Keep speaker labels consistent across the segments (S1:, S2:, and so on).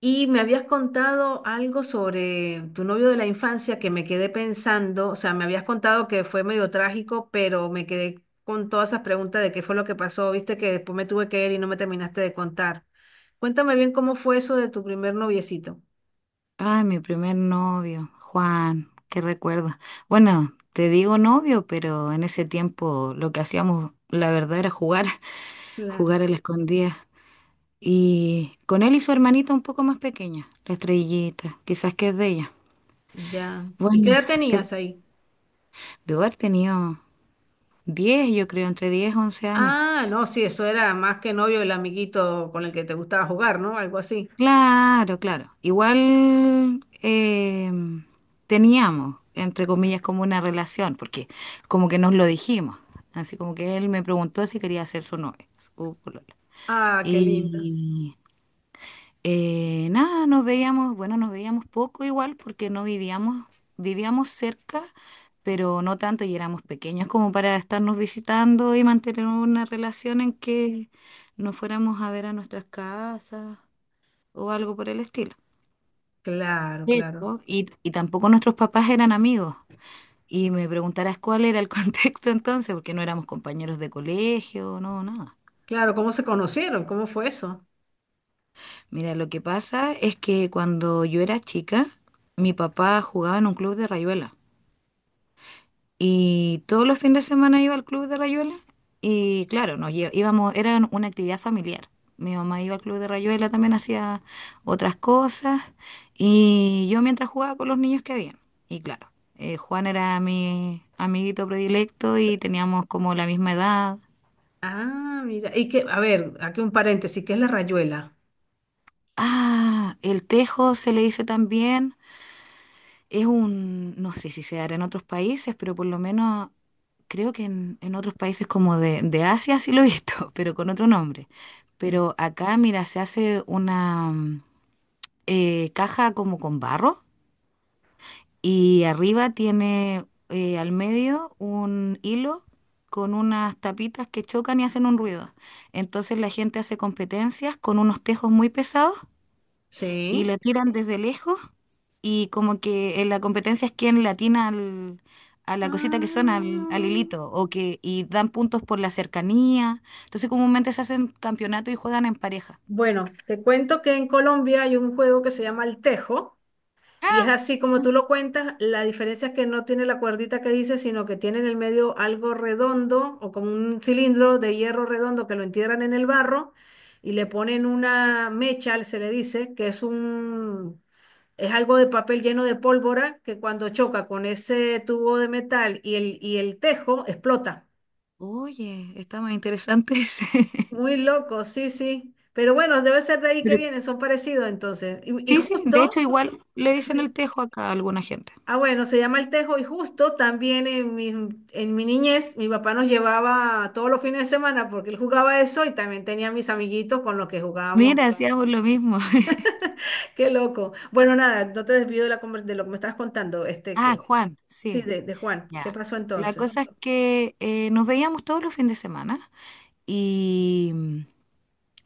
S1: Y me habías contado algo sobre tu novio de la infancia que me quedé pensando, o sea, me habías contado que fue medio trágico, pero me quedé con todas esas preguntas de qué fue lo que pasó, viste que después me tuve que ir y no me terminaste de contar. Cuéntame bien cómo fue eso de tu primer noviecito.
S2: Ay, mi primer novio, Juan, qué recuerdo. Bueno, te digo novio, pero en ese tiempo lo que hacíamos, la verdad, era jugar,
S1: Claro,
S2: jugar a la escondida. Y con él y su hermanita un poco más pequeña, la estrellita, quizás que es de ella.
S1: ya. ¿Y qué
S2: Bueno,
S1: edad
S2: de
S1: tenías ahí?
S2: debo haber tenido 10, yo creo, entre 10 y 11 años.
S1: Ah, no, sí, eso era más que novio, el amiguito con el que te gustaba jugar, ¿no? Algo así.
S2: Claro, claro. Igual teníamos, entre comillas, como una relación, porque como que nos lo dijimos. Así como que él me preguntó si quería ser su novia, su polola.
S1: Ah, qué lindo.
S2: Y nada, nos veíamos, bueno, nos veíamos poco igual porque no vivíamos, vivíamos cerca, pero no tanto y éramos pequeños como para estarnos visitando y mantener una relación en que nos fuéramos a ver a nuestras casas o algo por el estilo.
S1: Claro, claro.
S2: Pero, y tampoco nuestros papás eran amigos. Y me preguntarás cuál era el contexto entonces, porque no éramos compañeros de colegio, no, nada.
S1: Claro, ¿cómo se conocieron? ¿Cómo fue eso?
S2: Mira, lo que pasa es que cuando yo era chica, mi papá jugaba en un club de rayuela. Y todos los fines de semana iba al Club de Rayuela y claro, íbamos, era una actividad familiar. Mi mamá iba al Club de Rayuela, también hacía otras cosas y yo mientras jugaba con los niños que habían. Y claro, Juan era mi amiguito predilecto y teníamos como la misma edad.
S1: Ah, mira. Y que, a ver, aquí un paréntesis, ¿qué es la rayuela?
S2: Ah, el tejo se le dice también. Es un, no sé si se dará en otros países, pero por lo menos creo que en otros países como de Asia sí lo he visto, pero con otro nombre.
S1: Mm.
S2: Pero acá, mira, se hace una caja como con barro y arriba tiene al medio un hilo con unas tapitas que chocan y hacen un ruido. Entonces la gente hace competencias con unos tejos muy pesados y
S1: Sí.
S2: lo tiran desde lejos y como que en la competencia es quien le atina a la cosita que suena, al
S1: Ah.
S2: hilito, o que, y dan puntos por la cercanía. Entonces comúnmente se hacen campeonato y juegan en pareja.
S1: Bueno, te cuento que en Colombia hay un juego que se llama el tejo y es
S2: Ah,
S1: así como tú lo cuentas, la diferencia es que no tiene la cuerdita que dice, sino que tiene en el medio algo redondo o como un cilindro de hierro redondo que lo entierran en el barro y le ponen una mecha, se le dice, que es un. Es algo de papel lleno de pólvora que cuando choca con ese tubo de metal y el tejo explota.
S2: oye, está más interesante ese.
S1: Muy loco, sí, sí. Pero bueno, debe ser de ahí que
S2: Pero-
S1: vienen, son parecidos entonces. Y
S2: sí, sí, de hecho
S1: justo,
S2: igual le
S1: sí,
S2: dicen el
S1: sí.
S2: tejo acá a alguna gente.
S1: Ah, bueno, se llama el tejo y justo también en mi niñez mi papá nos llevaba todos los fines de semana porque él jugaba eso y también tenía mis amiguitos con los que jugábamos.
S2: Mira, hacíamos lo mismo.
S1: Qué loco. Bueno, nada, no te desvío de, la, de lo que me estabas contando,
S2: Ah, Juan,
S1: sí,
S2: sí,
S1: de Juan. ¿Qué
S2: ya.
S1: pasó
S2: La
S1: entonces?
S2: cosa es que nos veíamos todos los fines de semana y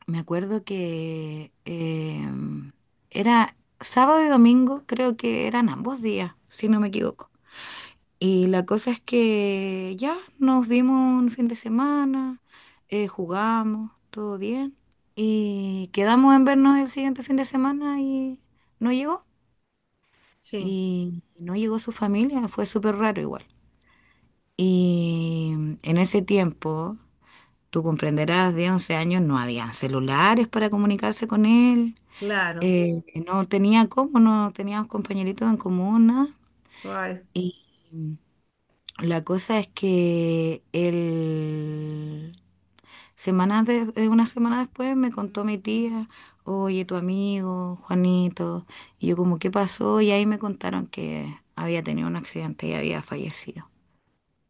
S2: me acuerdo que era sábado y domingo, creo que eran ambos días, si no me equivoco. Y la cosa es que ya nos vimos un fin de semana, jugamos, todo bien. Y quedamos en vernos el siguiente fin de semana y no llegó.
S1: Sí.
S2: Y no llegó su familia, fue súper raro igual. Y en ese tiempo, tú comprenderás, de 11 años no habían celulares para comunicarse con él.
S1: Claro.
S2: Que no tenía cómo, no teníamos compañeritos en común, nada.
S1: Ay,
S2: Y la cosa es que él, una semana después me contó mi tía, oye, tu amigo, Juanito, y yo como, ¿qué pasó? Y ahí me contaron que había tenido un accidente y había fallecido.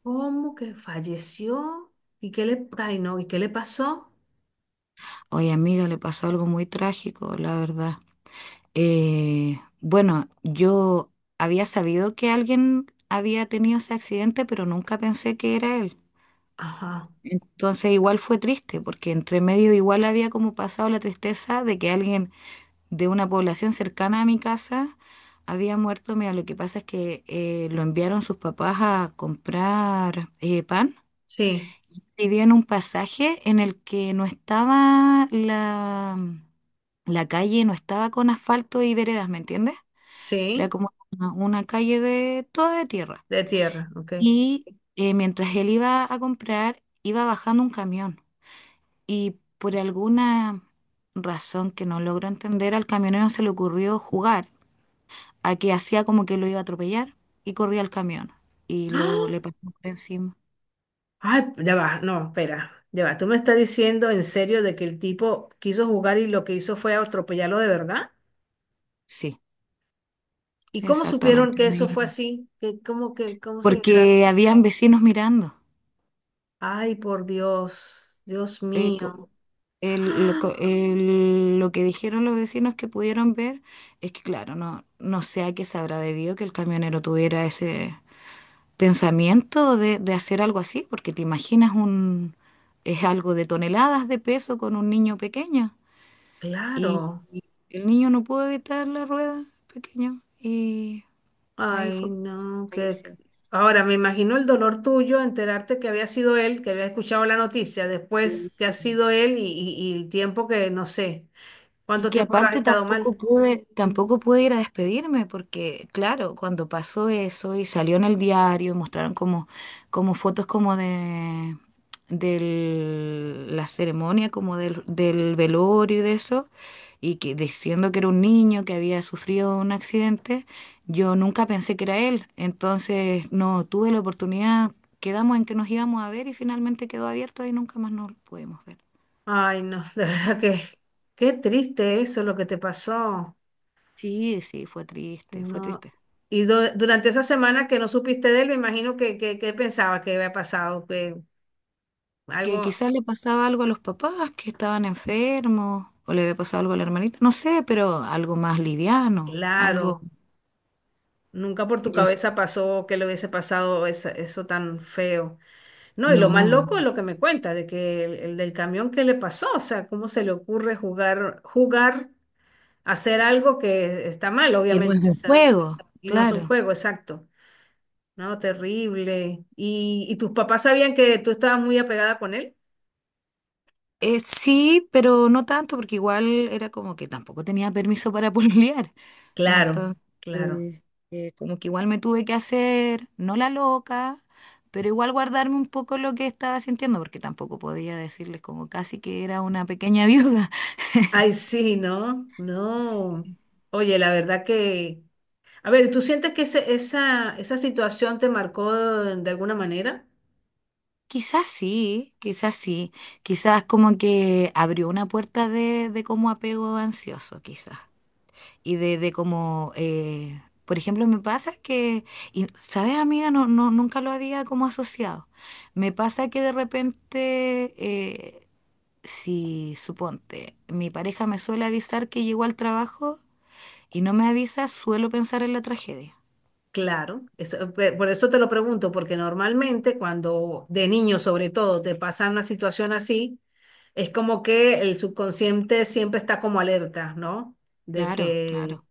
S1: ¿cómo que falleció? ¿Y qué le, ay, no, ¿y qué le pasó?
S2: Oye, amiga, le pasó algo muy trágico, la verdad. Bueno, yo había sabido que alguien había tenido ese accidente, pero nunca pensé que era él.
S1: Ajá.
S2: Entonces igual fue triste, porque entre medio igual había como pasado la tristeza de que alguien de una población cercana a mi casa había muerto. Mira, lo que pasa es que lo enviaron sus papás a comprar pan.
S1: Sí,
S2: Vivía en un pasaje en el que no estaba la calle, no estaba con asfalto y veredas, ¿me entiendes? Era
S1: sí,
S2: como una calle de toda de tierra.
S1: de tierra, ok.
S2: Y mientras él iba a comprar, iba bajando un camión. Y por alguna razón que no logro entender, al camionero se le ocurrió jugar a que hacía como que lo iba a atropellar y corría al camión y lo
S1: ¡Ah!
S2: le pasó por encima.
S1: Ay, ya va, no, espera, ya va. ¿Tú me estás diciendo en serio de que el tipo quiso jugar y lo que hizo fue atropellarlo de verdad?
S2: Sí,
S1: ¿Y cómo supieron
S2: exactamente.
S1: que
S2: A
S1: eso
S2: mí.
S1: fue así? ¿Cómo cómo se enteraron?
S2: Porque habían vecinos mirando.
S1: Ay, por Dios, Dios
S2: Eh, co-
S1: mío. ¡Ah!
S2: lo que dijeron los vecinos que pudieron ver es que, claro, no, no sé a qué se habrá debido que el camionero tuviera ese pensamiento de hacer algo así, porque te imaginas un, es algo de toneladas de peso con un niño pequeño. Y,
S1: Claro.
S2: y el niño no pudo evitar la rueda pequeño y ahí
S1: Ay,
S2: fue que
S1: no,
S2: falleció.
S1: ahora me imagino el dolor tuyo enterarte que había sido él, que había escuchado la noticia, después
S2: Sí.
S1: que ha sido él y el tiempo que no sé,
S2: Y
S1: cuánto
S2: que
S1: tiempo habrás
S2: aparte
S1: estado
S2: tampoco
S1: mal.
S2: pude,
S1: Mm.
S2: tampoco pude ir a despedirme, porque claro, cuando pasó eso y salió en el diario, mostraron como fotos como de la ceremonia, como del velorio y de eso, y que diciendo que era un niño que había sufrido un accidente, yo nunca pensé que era él. Entonces no tuve la oportunidad, quedamos en que nos íbamos a ver y finalmente quedó abierto y nunca más nos pudimos ver.
S1: Ay, no, de verdad que qué triste eso lo que te pasó.
S2: Sí, sí, fue triste, fue
S1: No.
S2: triste.
S1: Y durante esa semana que no supiste de él, me imagino que pensabas que había pasado, que
S2: Que
S1: algo,
S2: quizás le pasaba algo a los papás que estaban enfermos, o le había pasado algo a la hermanita, no sé, pero algo más liviano, algo,
S1: claro, nunca por tu
S2: ya s-
S1: cabeza pasó que le hubiese pasado eso tan feo. No, y lo más
S2: no,
S1: loco es lo que me cuenta, de que el del camión, ¿qué le pasó? O sea, ¿cómo se le ocurre jugar, hacer algo que está mal,
S2: que no es
S1: obviamente? O
S2: un
S1: sea,
S2: juego,
S1: y no es un
S2: claro.
S1: juego, exacto. No, terrible. Y tus papás sabían que tú estabas muy apegada con él?
S2: Sí, pero no tanto, porque igual era como que tampoco tenía permiso para pololear.
S1: Claro,
S2: Entonces,
S1: claro.
S2: eh, como que igual me tuve que hacer, no la loca, pero igual guardarme un poco lo que estaba sintiendo, porque tampoco podía decirles como casi que era una pequeña viuda.
S1: Ay, sí, no, no. Oye, la verdad que... A ver, ¿tú sientes que esa, esa situación te marcó de alguna manera?
S2: Quizás sí, quizás sí. Quizás como que abrió una puerta de como apego ansioso, quizás. Y de como, por ejemplo, me pasa que, y, ¿sabes, amiga? No, no, nunca lo había como asociado. Me pasa que de repente, si suponte, mi pareja me suele avisar que llegó al trabajo y no me avisa, suelo pensar en la tragedia.
S1: Claro, por eso te lo pregunto, porque normalmente cuando de niño sobre todo te pasa una situación así, es como que el subconsciente siempre está como alerta, ¿no? De
S2: Claro, claro.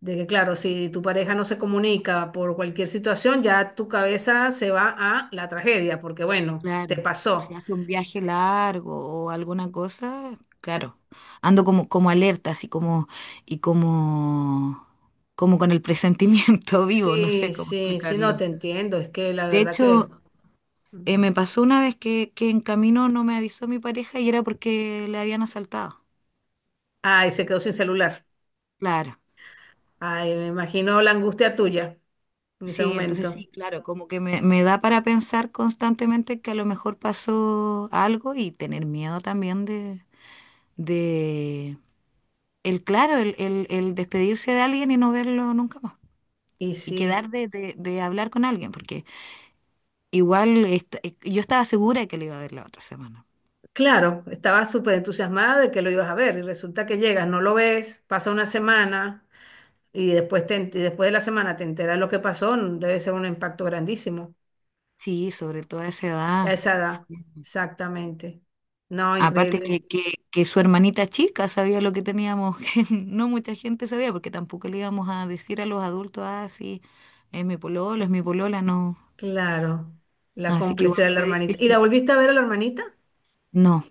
S1: de que claro, si tu pareja no se comunica por cualquier situación, ya tu cabeza se va a la tragedia, porque bueno, te
S2: Claro, o
S1: pasó.
S2: sea, hace un viaje largo o alguna cosa, claro, ando como alerta, así como, y como con el presentimiento vivo, no sé
S1: Sí,
S2: cómo
S1: sí, sí, no
S2: explicarlo.
S1: te entiendo, es que la
S2: De
S1: verdad
S2: hecho,
S1: que... Ujú.
S2: me pasó una vez que en camino no me avisó mi pareja y era porque le habían asaltado.
S1: Ay, se quedó sin celular.
S2: Claro,
S1: Ay, me imagino la angustia tuya en ese
S2: sí, entonces
S1: momento.
S2: sí, claro, como que me da para pensar constantemente que a lo mejor pasó algo y tener miedo también de el, claro, el despedirse de alguien y no verlo nunca más.
S1: Y
S2: Y
S1: sí,
S2: quedar de hablar con alguien, porque igual yo estaba segura de que le iba a ver la otra semana.
S1: claro, estaba súper entusiasmada de que lo ibas a ver y resulta que llegas, no lo ves, pasa una semana y después, y después de la semana te enteras lo que pasó, debe ser un impacto grandísimo
S2: Sí, sobre todo a esa edad.
S1: a esa edad, exactamente. No,
S2: Aparte
S1: increíble.
S2: que su hermanita chica sabía lo que teníamos, que no mucha gente sabía, porque tampoco le íbamos a decir a los adultos, ah, sí, es mi pololo, es mi polola, no.
S1: Claro, la
S2: Así que igual
S1: complicidad de la
S2: fue
S1: hermanita. ¿Y la
S2: difícil.
S1: volviste a ver a la hermanita?
S2: No,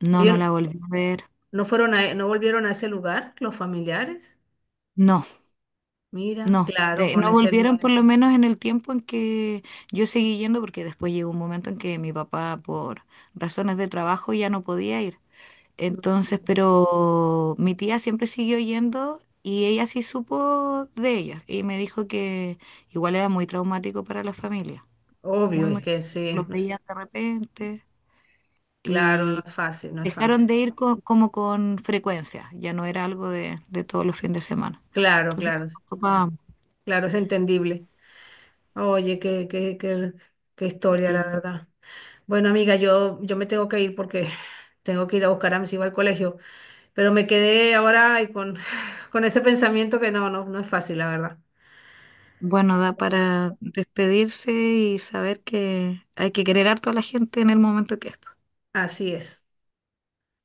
S2: no, no
S1: Ellos
S2: la volví a ver.
S1: no fueron a, no volvieron a ese lugar, los familiares.
S2: No.
S1: Mira,
S2: No,
S1: claro, con
S2: no
S1: ese
S2: volvieron
S1: luto.
S2: por lo menos en el tiempo en que yo seguí yendo, porque después llegó un momento en que mi papá por razones de trabajo ya no podía ir. Entonces,
S1: Mm.
S2: pero mi tía siempre siguió yendo y ella sí supo de ella y me dijo que igual era muy traumático para la familia,
S1: Obvio,
S2: muy,
S1: es
S2: muy,
S1: que sí,
S2: los veía de repente
S1: claro, no
S2: y
S1: es fácil, no es
S2: dejaron
S1: fácil.
S2: de ir como con frecuencia, ya no era algo de todos los fines de semana.
S1: Claro,
S2: Entonces,
S1: claro, sí.
S2: papá,
S1: Claro, es entendible. Oye, qué historia, la
S2: sí.
S1: verdad. Bueno, amiga, yo me tengo que ir porque tengo que ir a buscar a mis hijos al colegio, pero me quedé ahora y con, con ese pensamiento que no es fácil, la verdad.
S2: Bueno, da
S1: Pero bueno,
S2: para despedirse y saber que hay que querer harto a la gente en el momento que es.
S1: así es.